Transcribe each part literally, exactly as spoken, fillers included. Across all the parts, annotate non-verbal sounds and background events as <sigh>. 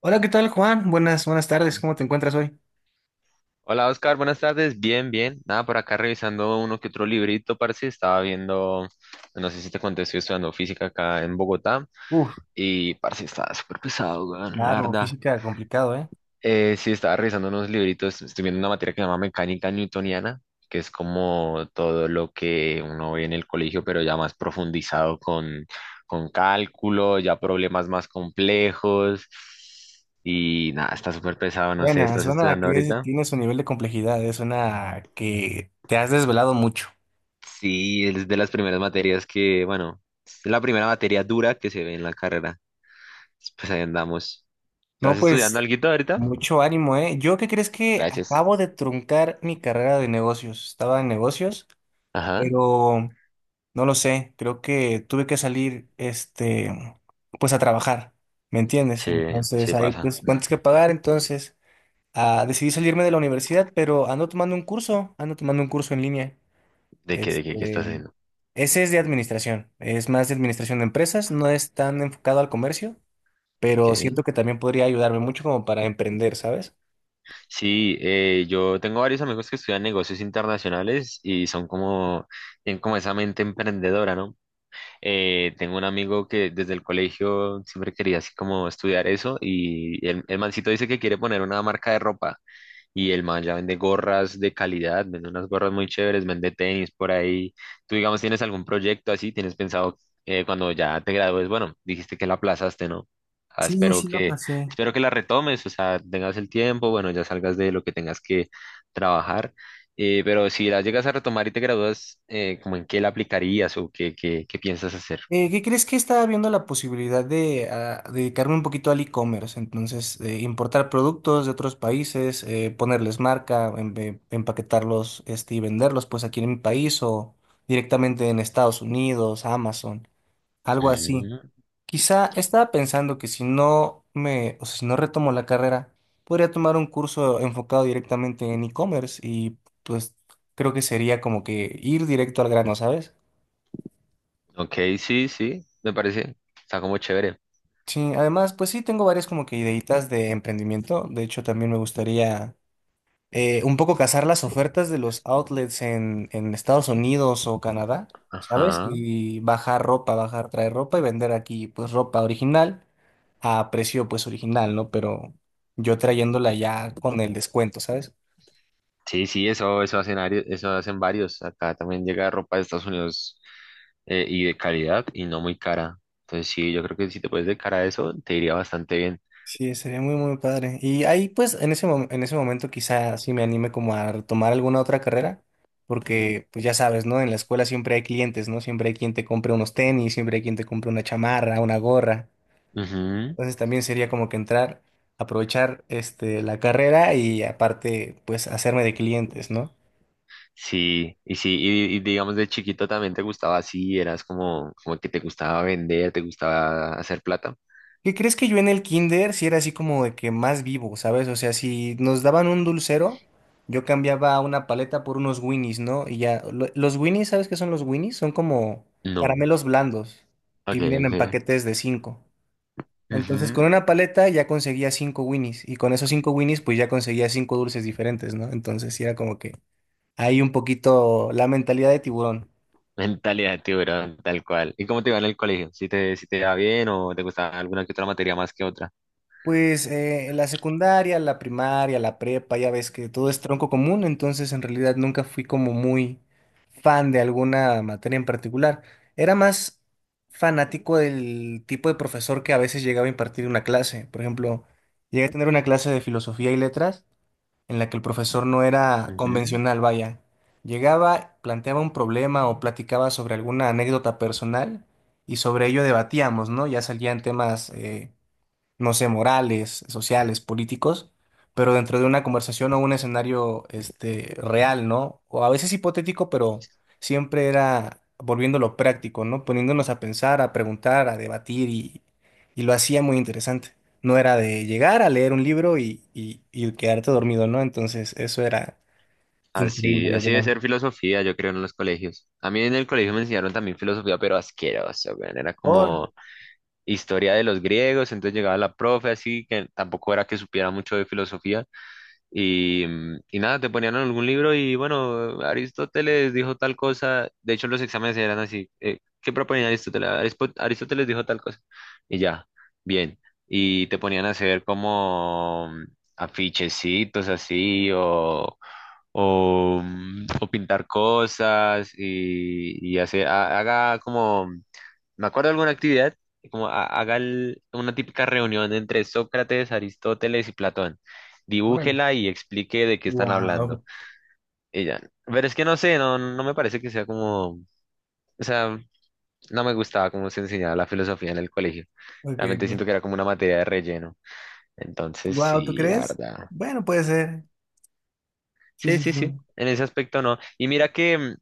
Hola, ¿qué tal, Juan? Buenas, buenas tardes. ¿Cómo te encuentras hoy? Hola Oscar, buenas tardes. Bien, bien. Nada, por acá revisando uno que otro librito, parce. Estaba viendo, no sé si te conté, estoy estudiando física acá en Bogotá Uf, y parce, estaba súper pesado, weón, la claro, verdad. física complicado, ¿eh? Eh, sí, estaba revisando unos libritos. Estoy viendo una materia que se llama mecánica newtoniana, que es como todo lo que uno ve en el colegio, pero ya más profundizado con, con cálculo, ya problemas más complejos. Y nada, está súper pesado, no sé, Buena, ¿estás suena a estudiando que es- ahorita? tiene su nivel de complejidad, eh, suena a que te has desvelado mucho. Sí, es de las primeras materias que, bueno, es la primera materia dura que se ve en la carrera. Pues ahí andamos. No, ¿Estás estudiando pues, alguito ahorita? mucho ánimo, ¿eh? ¿Yo qué crees que Gracias. acabo de truncar mi carrera de negocios? Estaba en negocios, Ajá. pero no lo sé, creo que tuve que salir, este, pues a trabajar, ¿me entiendes? Se, Entonces, se hay pues pasa. cuentas que pagar, entonces... Ah, decidí salirme de la universidad, pero ando tomando un curso, ando tomando un curso en línea. ¿De qué, de qué, qué estás Este, haciendo? ese es de administración, es más de administración de empresas, no es tan enfocado al comercio, pero Ok. siento que también podría ayudarme mucho como para emprender, ¿sabes? Sí, eh, yo tengo varios amigos que estudian negocios internacionales y son como, tienen como esa mente emprendedora, ¿no? Eh, tengo un amigo que desde el colegio siempre quería así como estudiar eso y el, el mancito dice que quiere poner una marca de ropa. Y el man ya vende gorras de calidad, vende unas gorras muy chéveres, vende tenis por ahí. ¿Tú, digamos, tienes algún proyecto así? ¿Tienes pensado eh, cuando ya te gradúes? Bueno, dijiste que la aplazaste, ¿no? Ah, Sí, espero sí la que, pasé. espero que la retomes, o sea, tengas el tiempo, bueno, ya salgas de lo que tengas que trabajar. Eh, pero si la llegas a retomar y te gradúas, eh, ¿cómo en qué la aplicarías o qué, qué, qué piensas hacer? Eh, ¿qué crees que estaba viendo la posibilidad de ah, dedicarme un poquito al e-commerce? Entonces, eh, importar productos de otros países, eh, ponerles marca, em- em- empaquetarlos, este, y venderlos pues aquí en mi país o directamente en Estados Unidos, Amazon, algo así. Mm, Quizá estaba pensando que si no me, o sea, si no retomo la carrera, podría tomar un curso enfocado directamente en e-commerce y pues creo que sería como que ir directo al grano, ¿sabes? ok, sí, sí, me parece. Está como chévere. Sí, además, pues sí, tengo varias como que ideitas de emprendimiento. De hecho, también me gustaría eh, un poco cazar las ofertas de los outlets en, en Estados Unidos o Canadá, ¿sabes? Ajá. Y bajar ropa, bajar, traer ropa y vender aquí, pues, ropa original a precio, pues, original, ¿no? Pero yo trayéndola ya con el descuento, ¿sabes? Sí, sí, eso, eso hacen, ari- eso hacen varios. Acá también llega ropa de Estados Unidos eh, y de calidad y no muy cara. Entonces sí, yo creo que si te puedes dedicar a eso, te iría bastante bien. Sí, sería muy, muy padre. Y ahí, pues, en ese, mom- en ese momento quizá sí me anime como a tomar alguna otra carrera, porque, pues, ya sabes, ¿no? En la escuela siempre hay clientes, ¿no? Siempre hay quien te compre unos tenis, siempre hay quien te compre una chamarra, una gorra. Ujú. Entonces también sería como que entrar, aprovechar, este, la carrera y aparte, pues, hacerme de clientes, ¿no? Sí, y sí, y, y digamos de chiquito también te gustaba así, eras como, como que te gustaba vender, te gustaba hacer plata. ¿Qué crees que yo en el kinder sí era así como de que más vivo, ¿sabes? O sea, si nos daban un dulcero, yo cambiaba una paleta por unos Winnies, ¿no? Y ya, lo- los Winnies, ¿sabes qué son los Winnies? Son como No, caramelos blandos y ok, vienen en ok. paquetes de cinco. Entonces, Ujú. con una paleta ya conseguía cinco Winnies y con esos cinco Winnies pues ya conseguía cinco dulces diferentes, ¿no? Entonces, sí era como que ahí un poquito la mentalidad de tiburón. Mentalidad de tiburón, tal cual. ¿Y cómo te iba en el colegio? ¿Si te, si te iba bien o te gustaba alguna que otra materia más que otra? Pues eh, la secundaria, la primaria, la prepa, ya ves que todo es tronco común, entonces en realidad nunca fui como muy fan de alguna materia en particular. Era más fanático del tipo de profesor que a veces llegaba a impartir una clase. Por ejemplo, llegué a tener una clase de filosofía y letras en la que el profesor no era Ujú. convencional, vaya. Llegaba, planteaba un problema o platicaba sobre alguna anécdota personal y sobre ello debatíamos, ¿no? Ya salían temas... eh, no sé, morales, sociales, políticos, pero dentro de una conversación o un escenario este, real, ¿no? O a veces hipotético, pero siempre era volviéndolo práctico, ¿no? Poniéndonos a pensar, a preguntar, a debatir y, y lo hacía muy interesante. No era de llegar a leer un libro y, y, y quedarte dormido, ¿no? Entonces, eso era increíble, Así, yo así debe creo. ser filosofía, yo creo, en los colegios. A mí en el colegio me enseñaron también filosofía, pero asqueroso, weón. Era Por, como historia de los griegos, entonces llegaba la profe así, que tampoco era que supiera mucho de filosofía. Y, mm, y nada, te ponían en algún libro y bueno, Aristóteles dijo tal cosa. De hecho, los exámenes eran así. Eh, ¿qué proponía Aristóteles? Arispo- Aristóteles dijo tal cosa. Y ya, bien. Y te ponían a hacer como mm, afichecitos así o o, mm, o pintar cosas y, y hacer, ha- haga como, me acuerdo de alguna actividad, como ha- haga el- una típica reunión entre Sócrates, Aristóteles y Platón. órale. Dibújela y explique de qué están Wow. hablando. Ella, pero es que no sé, no, no me parece que sea como, o sea, no me gustaba cómo se enseñaba la filosofía en el colegio. Ok, Realmente ok. siento que era como una materia de relleno. Entonces, Wow, ¿tú sí, la crees? verdad. Bueno, puede ser. Sí, Sí, sí, sí, sí. sí. En ese aspecto no. Y mira que, mm,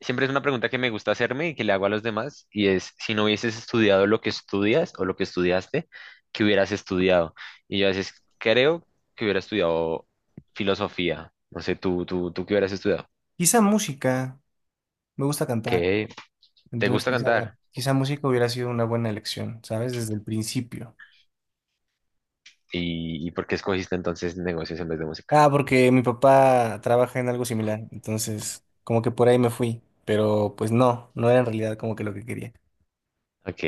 siempre es una pregunta que me gusta hacerme y que le hago a los demás, y es, si no hubieses estudiado lo que estudias o lo que estudiaste, ¿qué hubieras estudiado? Y yo a veces creo que hubiera estudiado filosofía. No sé, tú, tú, tú qué hubieras estudiado. Quizá música. Me gusta cantar, ¿Qué? ¿Te entonces gusta quizá, cantar? quizá música hubiera sido una buena elección, ¿sabes? Desde el principio. ¿Y, y por qué escogiste entonces negocios en vez de música? Ah, porque mi papá trabaja en algo similar, entonces como que por ahí me fui, pero pues no, no era en realidad como que lo que quería. Ok.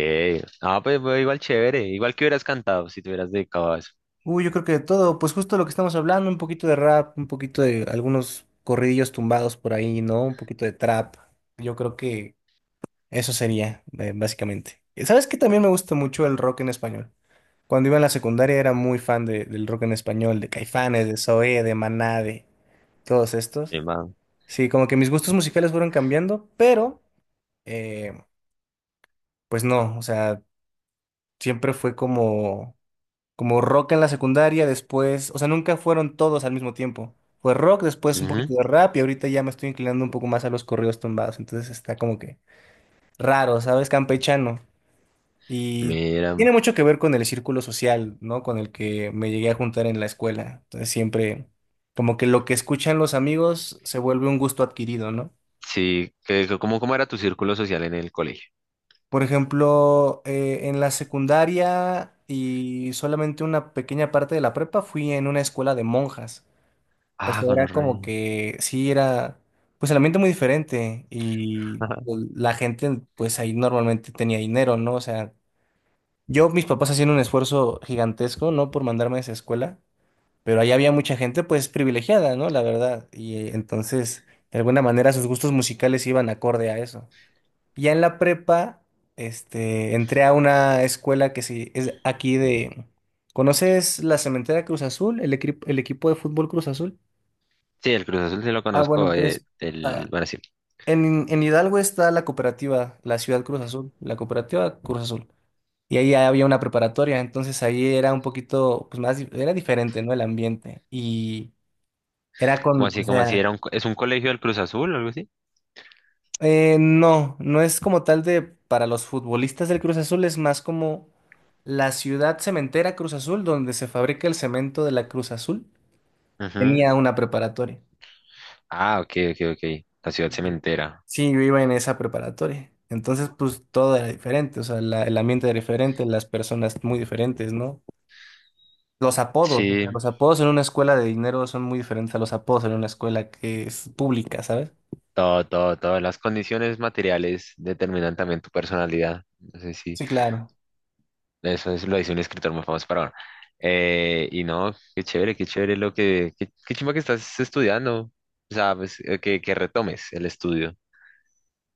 Ah, pues, pues, igual chévere. Igual que hubieras cantado si te hubieras dedicado a eso. Uy, yo creo que de todo, pues justo lo que estamos hablando, un poquito de rap, un poquito de algunos corridillos tumbados por ahí, ¿no? Un poquito de trap. Yo creo que eso sería, eh, básicamente. ¿Sabes qué? También me gusta mucho el rock en español. Cuando iba en la secundaria era muy fan de- del rock en español, de Caifanes, de Zoé, de Maná, de todos estos. Chimba. Sí, como que mis gustos musicales fueron cambiando, pero eh, pues no, o sea, siempre fue como, como rock en la secundaria, después, o sea, nunca fueron todos al mismo tiempo. Fue rock, después un Ujú. poquito de rap y ahorita ya me estoy inclinando un poco más a los corridos tumbados, entonces está como que raro, ¿sabes? Campechano. Y Mira. tiene mucho que ver con el círculo social, ¿no? Con el que me llegué a juntar en la escuela. Entonces siempre, como que lo que escuchan los amigos se vuelve un gusto adquirido, ¿no? Sí, ¿qué- cómo, cómo era tu círculo social en el colegio? Por ejemplo, eh, en la secundaria y solamente una pequeña parte de la prepa fui en una escuela de monjas. O Ah, sea, era como gonorrea. que sí era, pues el ambiente muy diferente y <laughs> pues, la gente, pues ahí normalmente tenía dinero, ¿no? O sea, yo, mis papás hacían un esfuerzo gigantesco, ¿no? Por mandarme a esa escuela. Pero ahí había mucha gente pues privilegiada, ¿no? La verdad. Y eh, entonces, de alguna manera, sus gustos musicales iban acorde a eso. Ya en la prepa, este, entré a una escuela que sí, es aquí de... ¿Conoces la Cementera Cruz Azul? ¿El, equipo el equipo de fútbol Cruz Azul? Sí, el Cruz Azul sí lo Ah, bueno, conozco. eh, pues el, ah, bueno, Sí. en, en Hidalgo está la cooperativa, la Ciudad Cruz Azul, la cooperativa Cruz Azul. Y ahí había una preparatoria, entonces ahí era un poquito, pues más, di- era diferente, ¿no? El ambiente. Y era ¿Cómo con, o así? ¿Cómo así? sea, ¿Era un, co- ¿Es un colegio del Cruz Azul o algo así? Eh, no, no es como tal de para los futbolistas del Cruz Azul, es más como la ciudad cementera Cruz Azul, donde se fabrica el cemento de la Cruz Azul. Ujú. Tenía una preparatoria. Ah, ok, ok, ok. La ciudad Ujú. cementera. Sí, yo iba en esa preparatoria. Entonces, pues todo era diferente, o sea, la- el ambiente era diferente, las personas muy diferentes, ¿no? Los apodos, o Sí, sea, los apodos en una escuela de dinero son muy diferentes a los apodos en una escuela que es pública, ¿sabes? todo, todo, todas las condiciones materiales determinan también tu personalidad. No sé si Sí, claro. eso es, lo dice un escritor muy famoso para ahora. Eh, y no, qué chévere, qué chévere lo que, qué, qué chimba que estás estudiando. O sea, pues, eh, que, que retomes el estudio.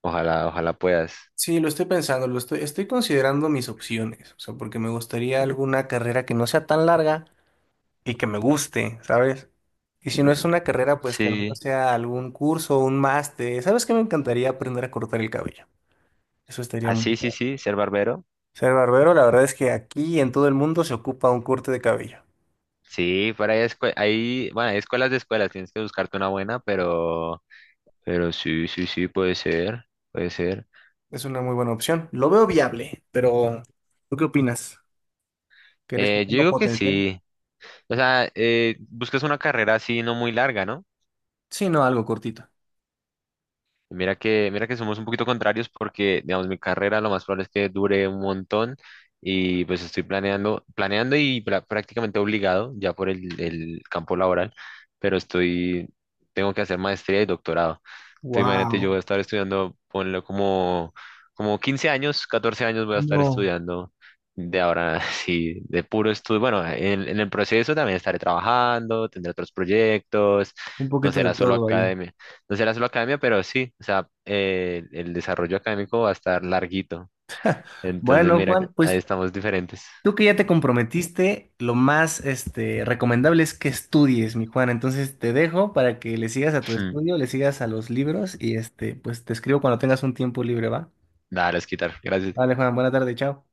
Ojalá, ojalá puedas. Sí, lo estoy pensando, lo estoy, estoy considerando mis opciones, o sea, porque me gustaría alguna carrera que no sea tan larga y que me guste, ¿sabes? Y si no es una carrera, pues que no Sí. sea algún curso o un máster. ¿Sabes qué? Me encantaría aprender a cortar el cabello. Eso estaría Ah, muy sí, sí, padre. sí, ser barbero. Ser barbero, la verdad es que aquí en todo el mundo se ocupa un corte de cabello. Sí, por ahí escue- hay, bueno, hay escuelas de escuelas, tienes que buscarte una buena, pero, pero sí, sí, sí, puede ser, puede ser. Es una muy buena opción. Lo veo viable, pero ¿tú qué opinas? ¿Crees que Eh, yo tengo digo que potencial? sí. O sea, eh, buscas una carrera así no muy larga, ¿no? Sí, no, algo cortito. Y mira que, mira que somos un poquito contrarios porque, digamos, mi carrera lo más probable es que dure un montón y pues estoy planeando, planeando y pra- prácticamente obligado ya por el, el campo laboral, pero estoy, tengo que hacer maestría y doctorado. Entonces, imagínate, yo voy a Wow. estar estudiando, ponle como, como quince años, catorce años voy a estar No, estudiando de ahora, <laughs> sí, de puro estudio. Bueno, en, en el proceso también estaré trabajando, tendré otros proyectos, un no poquito de será solo todo. academia no será solo academia, pero sí, o sea, eh, el desarrollo académico va a estar larguito. Entonces, Bueno, mira, que Juan, ahí pues estamos diferentes. tú que ya te comprometiste, lo más este, recomendable es que estudies, mi Juan. Entonces te dejo para que le sigas a tu estudio, <laughs> le sigas a los libros y este, pues te escribo cuando tengas un tiempo libre, ¿va? Nada, los quitar. Gracias. Vale, Juan, buena tarde, chao.